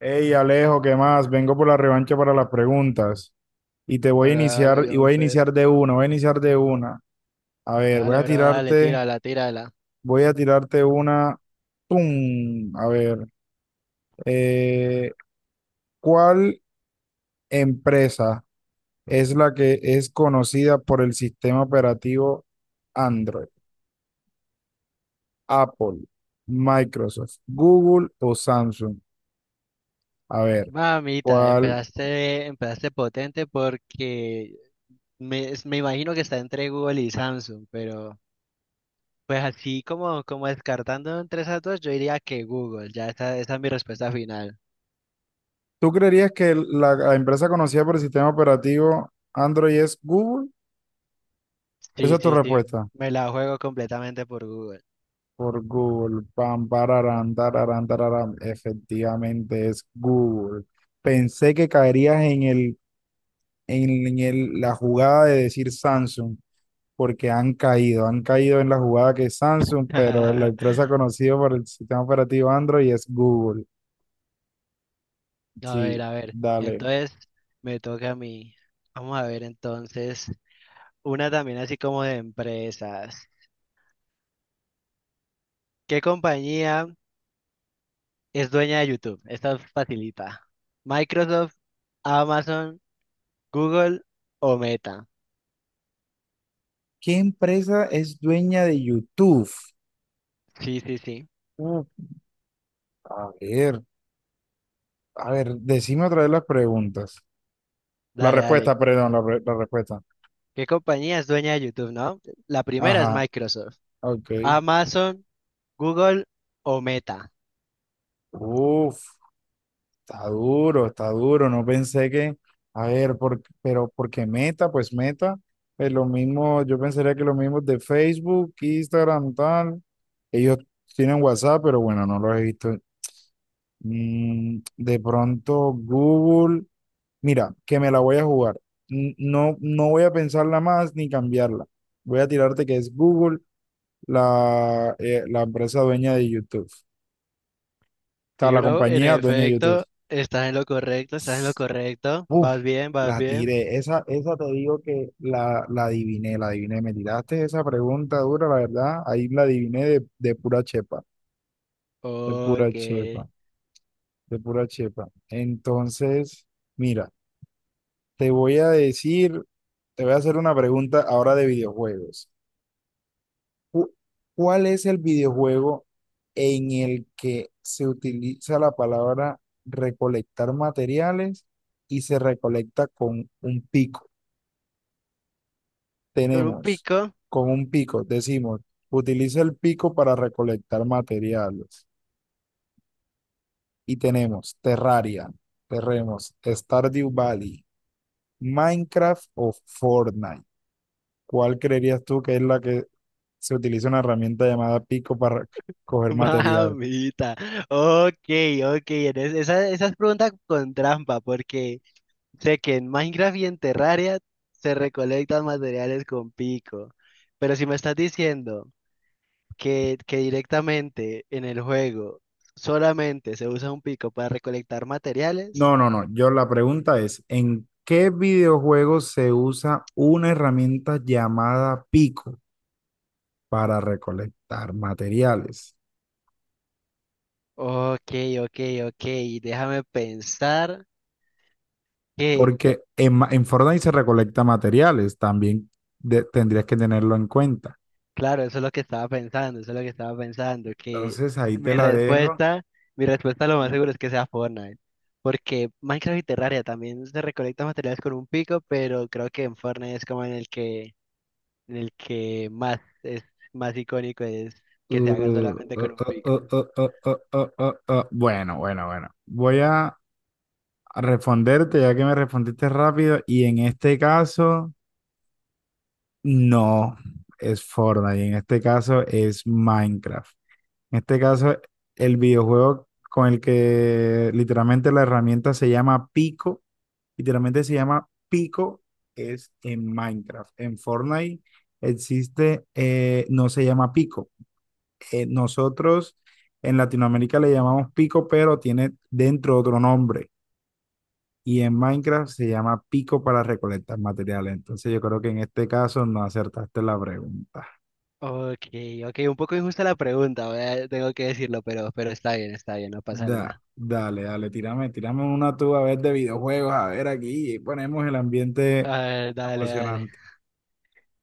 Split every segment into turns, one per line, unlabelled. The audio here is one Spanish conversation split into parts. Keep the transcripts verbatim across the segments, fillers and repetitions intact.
Hey Alejo, ¿qué más? Vengo por la revancha para las preguntas y te voy a
Ahora, ahora,
iniciar y voy a
Jonfer.
iniciar de una, voy a iniciar de una. A ver, voy
Dale,
a
bro, dale,
tirarte,
tírala, tírala.
voy a tirarte una. ¡Pum! A ver, eh, ¿cuál empresa es la que es conocida por el sistema operativo Android? Apple, Microsoft, Google o Samsung. A ver,
Mamita,
¿cuál?
empezaste, empezaste potente porque me, me imagino que está entre Google y Samsung, pero pues así como, como descartando entre esas dos, yo diría que Google, ya esa, esa es mi respuesta final.
¿Tú creerías que la la empresa conocida por el sistema operativo Android es Google? Esa
Sí,
es tu
sí, sí,
respuesta.
me la juego completamente por Google.
Por Google. Pam, pararán, tararán, tararán. Efectivamente es Google. Pensé que caerías en el, en, en el, la jugada de decir Samsung, porque han caído, han caído en la jugada que es Samsung, pero la empresa conocida por el sistema operativo Android es Google.
A ver,
Sí,
a ver,
dale.
entonces me toca a mí. Vamos a ver entonces, una también así como de empresas. ¿Qué compañía es dueña de YouTube? Esta facilita. Microsoft, Amazon, Google o Meta.
¿Qué empresa es dueña de YouTube?
Sí, sí, sí.
Uh, a ver, a ver, decime otra vez las preguntas. La
Dale, dale.
respuesta, perdón, la, re- la respuesta.
¿Qué compañía es dueña de YouTube, no? La primera es
Ajá,
Microsoft.
ok.
Amazon, Google o Meta.
Uf, está duro, está duro. No pensé que, a ver, por- pero porque Meta, pues Meta, es lo mismo, yo pensaría que lo mismo de Facebook, Instagram, tal. Ellos tienen WhatsApp, pero bueno, no los he visto. Mm, de pronto Google, mira, que me la voy a jugar. N- No, no voy a pensarla más ni cambiarla. Voy a tirarte que es Google, la, eh, la empresa dueña de YouTube. O sea,
Sí,
la
bro, en
compañía dueña de YouTube.
efecto, estás en lo correcto, estás en lo correcto.
Uf,
Vas bien, vas
la
bien.
tiré. Esa, esa te digo que la, la adiviné, la adiviné. Me tiraste esa pregunta dura, la verdad. Ahí la adiviné de, de pura chepa, de pura
Ok.
chepa, de pura chepa. Entonces, mira, te voy a decir, te voy a hacer una pregunta ahora de videojuegos. Cu- ¿Cuál es el videojuego en el que se utiliza la palabra recolectar materiales y se recolecta con un pico?
Con un
Tenemos
pico.
con un pico, decimos, utiliza el pico para recolectar materiales. Y tenemos Terraria, tenemos Stardew Valley, Minecraft o Fortnite. ¿Cuál creerías tú que es la que se utiliza una herramienta llamada pico para coger material?
Mamita. Ok, ok. en es- Esa, esa es pregunta con trampa, porque sé que en Minecraft y en Terraria se recolectan materiales con pico, pero si me estás diciendo que, que directamente en el juego solamente se usa un pico para recolectar materiales,
No, no, no. Yo la pregunta es, ¿en qué videojuego se usa una herramienta llamada pico para recolectar materiales?
ok, ok, ok, déjame pensar que,
Porque en, ma- en Fortnite se recolecta materiales, también de- tendrías que tenerlo en cuenta.
claro, eso es lo que estaba pensando, eso es lo que estaba pensando, que
Entonces ahí
mi
te la dejo.
respuesta, mi respuesta lo más seguro es que sea Fortnite. Porque Minecraft y Terraria también se recolectan materiales con un pico, pero creo que en Fortnite es como en el que El que más es más icónico es que se haga
Uh,
solamente
uh,
con un
uh,
pico.
uh, uh, uh, uh, uh, uh. uh. Bueno, bueno, bueno. Voy a a responderte ya que me respondiste rápido y en este caso no es Fortnite, en este caso es Minecraft. En este caso el videojuego con el que literalmente la herramienta se llama Pico. Literalmente se llama Pico, es en Minecraft. En Fortnite existe, eh, no se llama Pico. Eh, nosotros en Latinoamérica le llamamos Pico, pero tiene dentro otro nombre. Y en Minecraft se llama Pico para recolectar materiales. Entonces yo creo que en este caso no acertaste la pregunta.
Ok, ok, un poco injusta la pregunta, voy tengo que decirlo, pero, pero está bien, está bien, no pasa
Da,
nada.
dale, dale, tírame, tírame una tú a ver de videojuegos, a ver aquí, y ponemos el ambiente
A ver, dale, dale,
emocionante.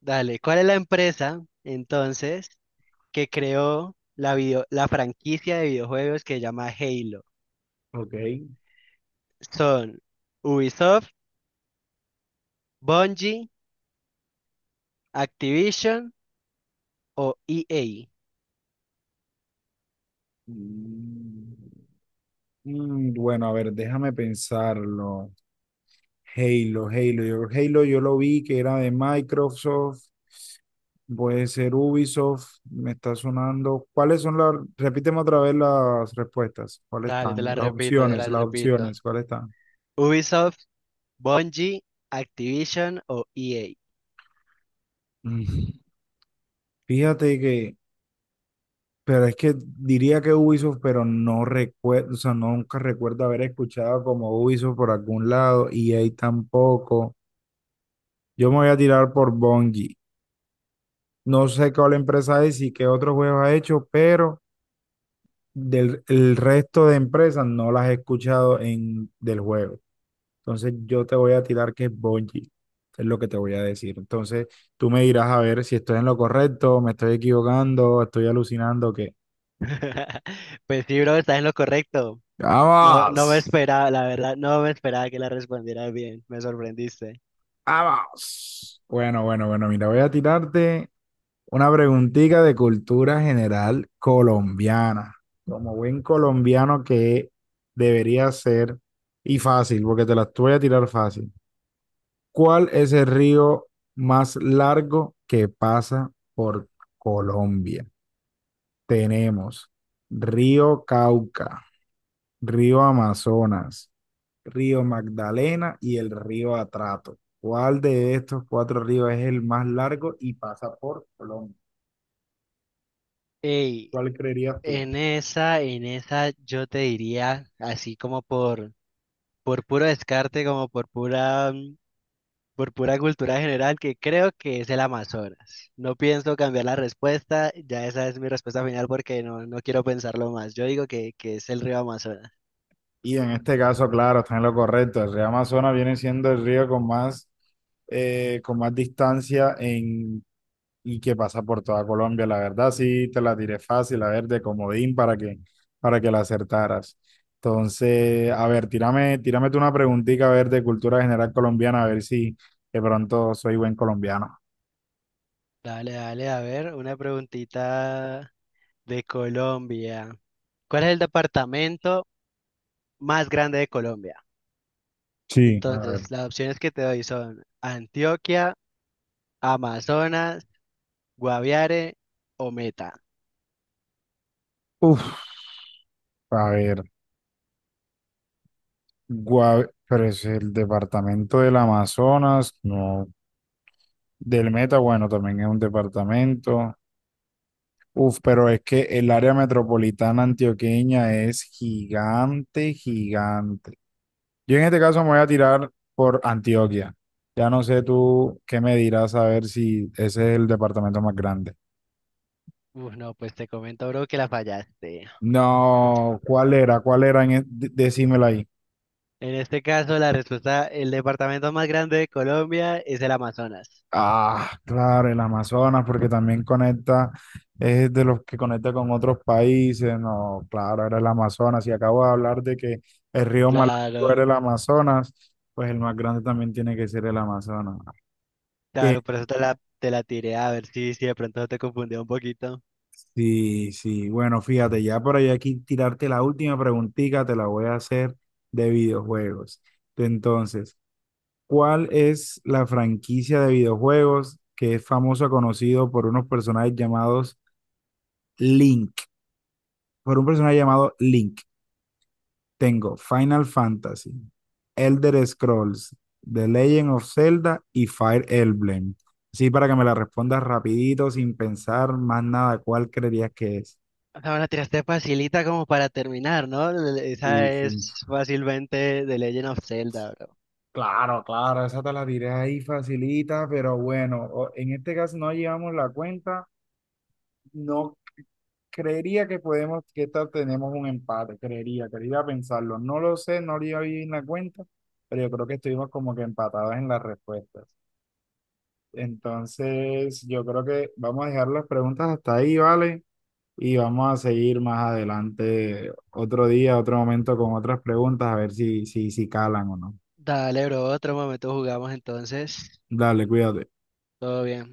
dale. ¿Cuál es la empresa entonces que creó la video, la franquicia de videojuegos que se llama Halo?
Ok.
¿Son Ubisoft, Bungie, Activision o E A?
Mm. Mm, bueno, a ver, déjame pensarlo. Halo, Halo. Yo, Halo yo lo vi que era de Microsoft, puede ser Ubisoft, me está sonando. ¿Cuáles son las? Repíteme otra vez las respuestas. ¿Cuáles
Dale, te
están?
la
Las
repito, te la
opciones, las
repito.
opciones, ¿cuáles están?
Ubisoft, Bungie, Activision o E A.
Mm, Fíjate que, pero es que diría que Ubisoft, pero no recuerdo, o sea, nunca recuerdo haber escuchado como Ubisoft por algún lado y ahí tampoco. Yo me voy a tirar por Bungie. No sé cuál empresa es y qué otros juegos ha hecho, pero del el resto de empresas no las he escuchado en del juego. Entonces yo te voy a tirar que es Bungie, es lo que te voy a decir. Entonces tú me dirás a ver si estoy en lo correcto, me estoy equivocando, estoy alucinando, que
Pues sí, bro, estás en lo correcto. No, no me
¡vamos!
esperaba, la verdad, no me esperaba que la respondieras bien. Me sorprendiste.
¡Vamos! Bueno, bueno, bueno, mira, voy a tirarte una preguntita de cultura general colombiana. Como buen colombiano que debería ser, y fácil, porque te las voy a tirar fácil. ¿Cuál es el río más largo que pasa por Colombia? Tenemos Río Cauca, Río Amazonas, Río Magdalena y el río Atrato. ¿Cuál de estos cuatro ríos es el más largo y pasa por Colombia?
Ey,
¿Cuál creerías tú?
en esa, en esa yo te diría, así como por, por puro descarte, como por pura, mm, por pura cultura general, que creo que es el Amazonas. No pienso cambiar la respuesta, ya esa es mi respuesta final porque no, no quiero pensarlo más. Yo digo que, que es el río Amazonas.
Y en este caso, claro, está en lo correcto. El río Amazonas viene siendo el río con más, eh, con más distancia en, y que pasa por toda Colombia. La verdad, sí, te la tiré fácil, a ver, de comodín para que, para que la acertaras. Entonces, a ver, tírame, tírame tú una preguntita, a ver, de cultura general colombiana, a ver si de pronto soy buen colombiano.
Dale, dale, a ver, una preguntita de Colombia. ¿Cuál es el departamento más grande de Colombia?
Sí. A ver.
Entonces, las opciones que te doy son Antioquia, Amazonas, Guaviare o Meta.
Uf, a ver. Guave- pero es el departamento del Amazonas, no. Del Meta, bueno, también es un departamento. Uf, pero es que el área metropolitana antioqueña es gigante, gigante. Yo en este caso me voy a tirar por Antioquia. Ya no sé tú qué me dirás a ver si ese es el departamento más grande.
Uf, no, pues te comento, bro, que la fallaste.
No, ¿cuál era? ¿Cuál era? En e- de- Decímelo ahí.
En este caso, la respuesta, el departamento más grande de Colombia es el Amazonas.
Ah, claro, el Amazonas, porque también conecta, es de los que conecta con otros países, no, claro, era el Amazonas, y acabo de hablar de que el río más largo era
Claro,
el Amazonas, pues el más grande también tiene que ser el Amazonas. Que
claro, por eso te la, te la tiré a ver si, si de pronto te confundió un poquito.
sí, sí, bueno, fíjate, ya por ahí aquí tirarte la última preguntita, te la voy a hacer de videojuegos. Entonces, ¿cuál es la franquicia de videojuegos que es famosa, conocido por unos personajes llamados Link? Por un personaje llamado Link. Tengo Final Fantasy, Elder Scrolls, The Legend of Zelda y Fire Emblem. Sí, para que me la respondas rapidito, sin pensar más nada, ¿cuál creerías que es?
O sea, me la tiraste facilita como para terminar, ¿no? Esa
Sí, sí.
es fácilmente The Legend of Zelda, bro.
Claro, claro, esa te la diré ahí facilita, pero bueno, o- en este caso no llevamos la cuenta. No creería que podemos, que esta tenemos un empate, creería, quería pensarlo. No lo sé, no llevo bien la cuenta, pero yo creo que estuvimos como que empatados en las respuestas. Entonces, yo creo que vamos a dejar las preguntas hasta ahí, ¿vale? Y vamos a seguir más adelante otro día, otro momento con otras preguntas, a ver si, si, si calan o no.
Dale, bro, otro momento jugamos entonces.
Dale, cuídate.
Todo bien.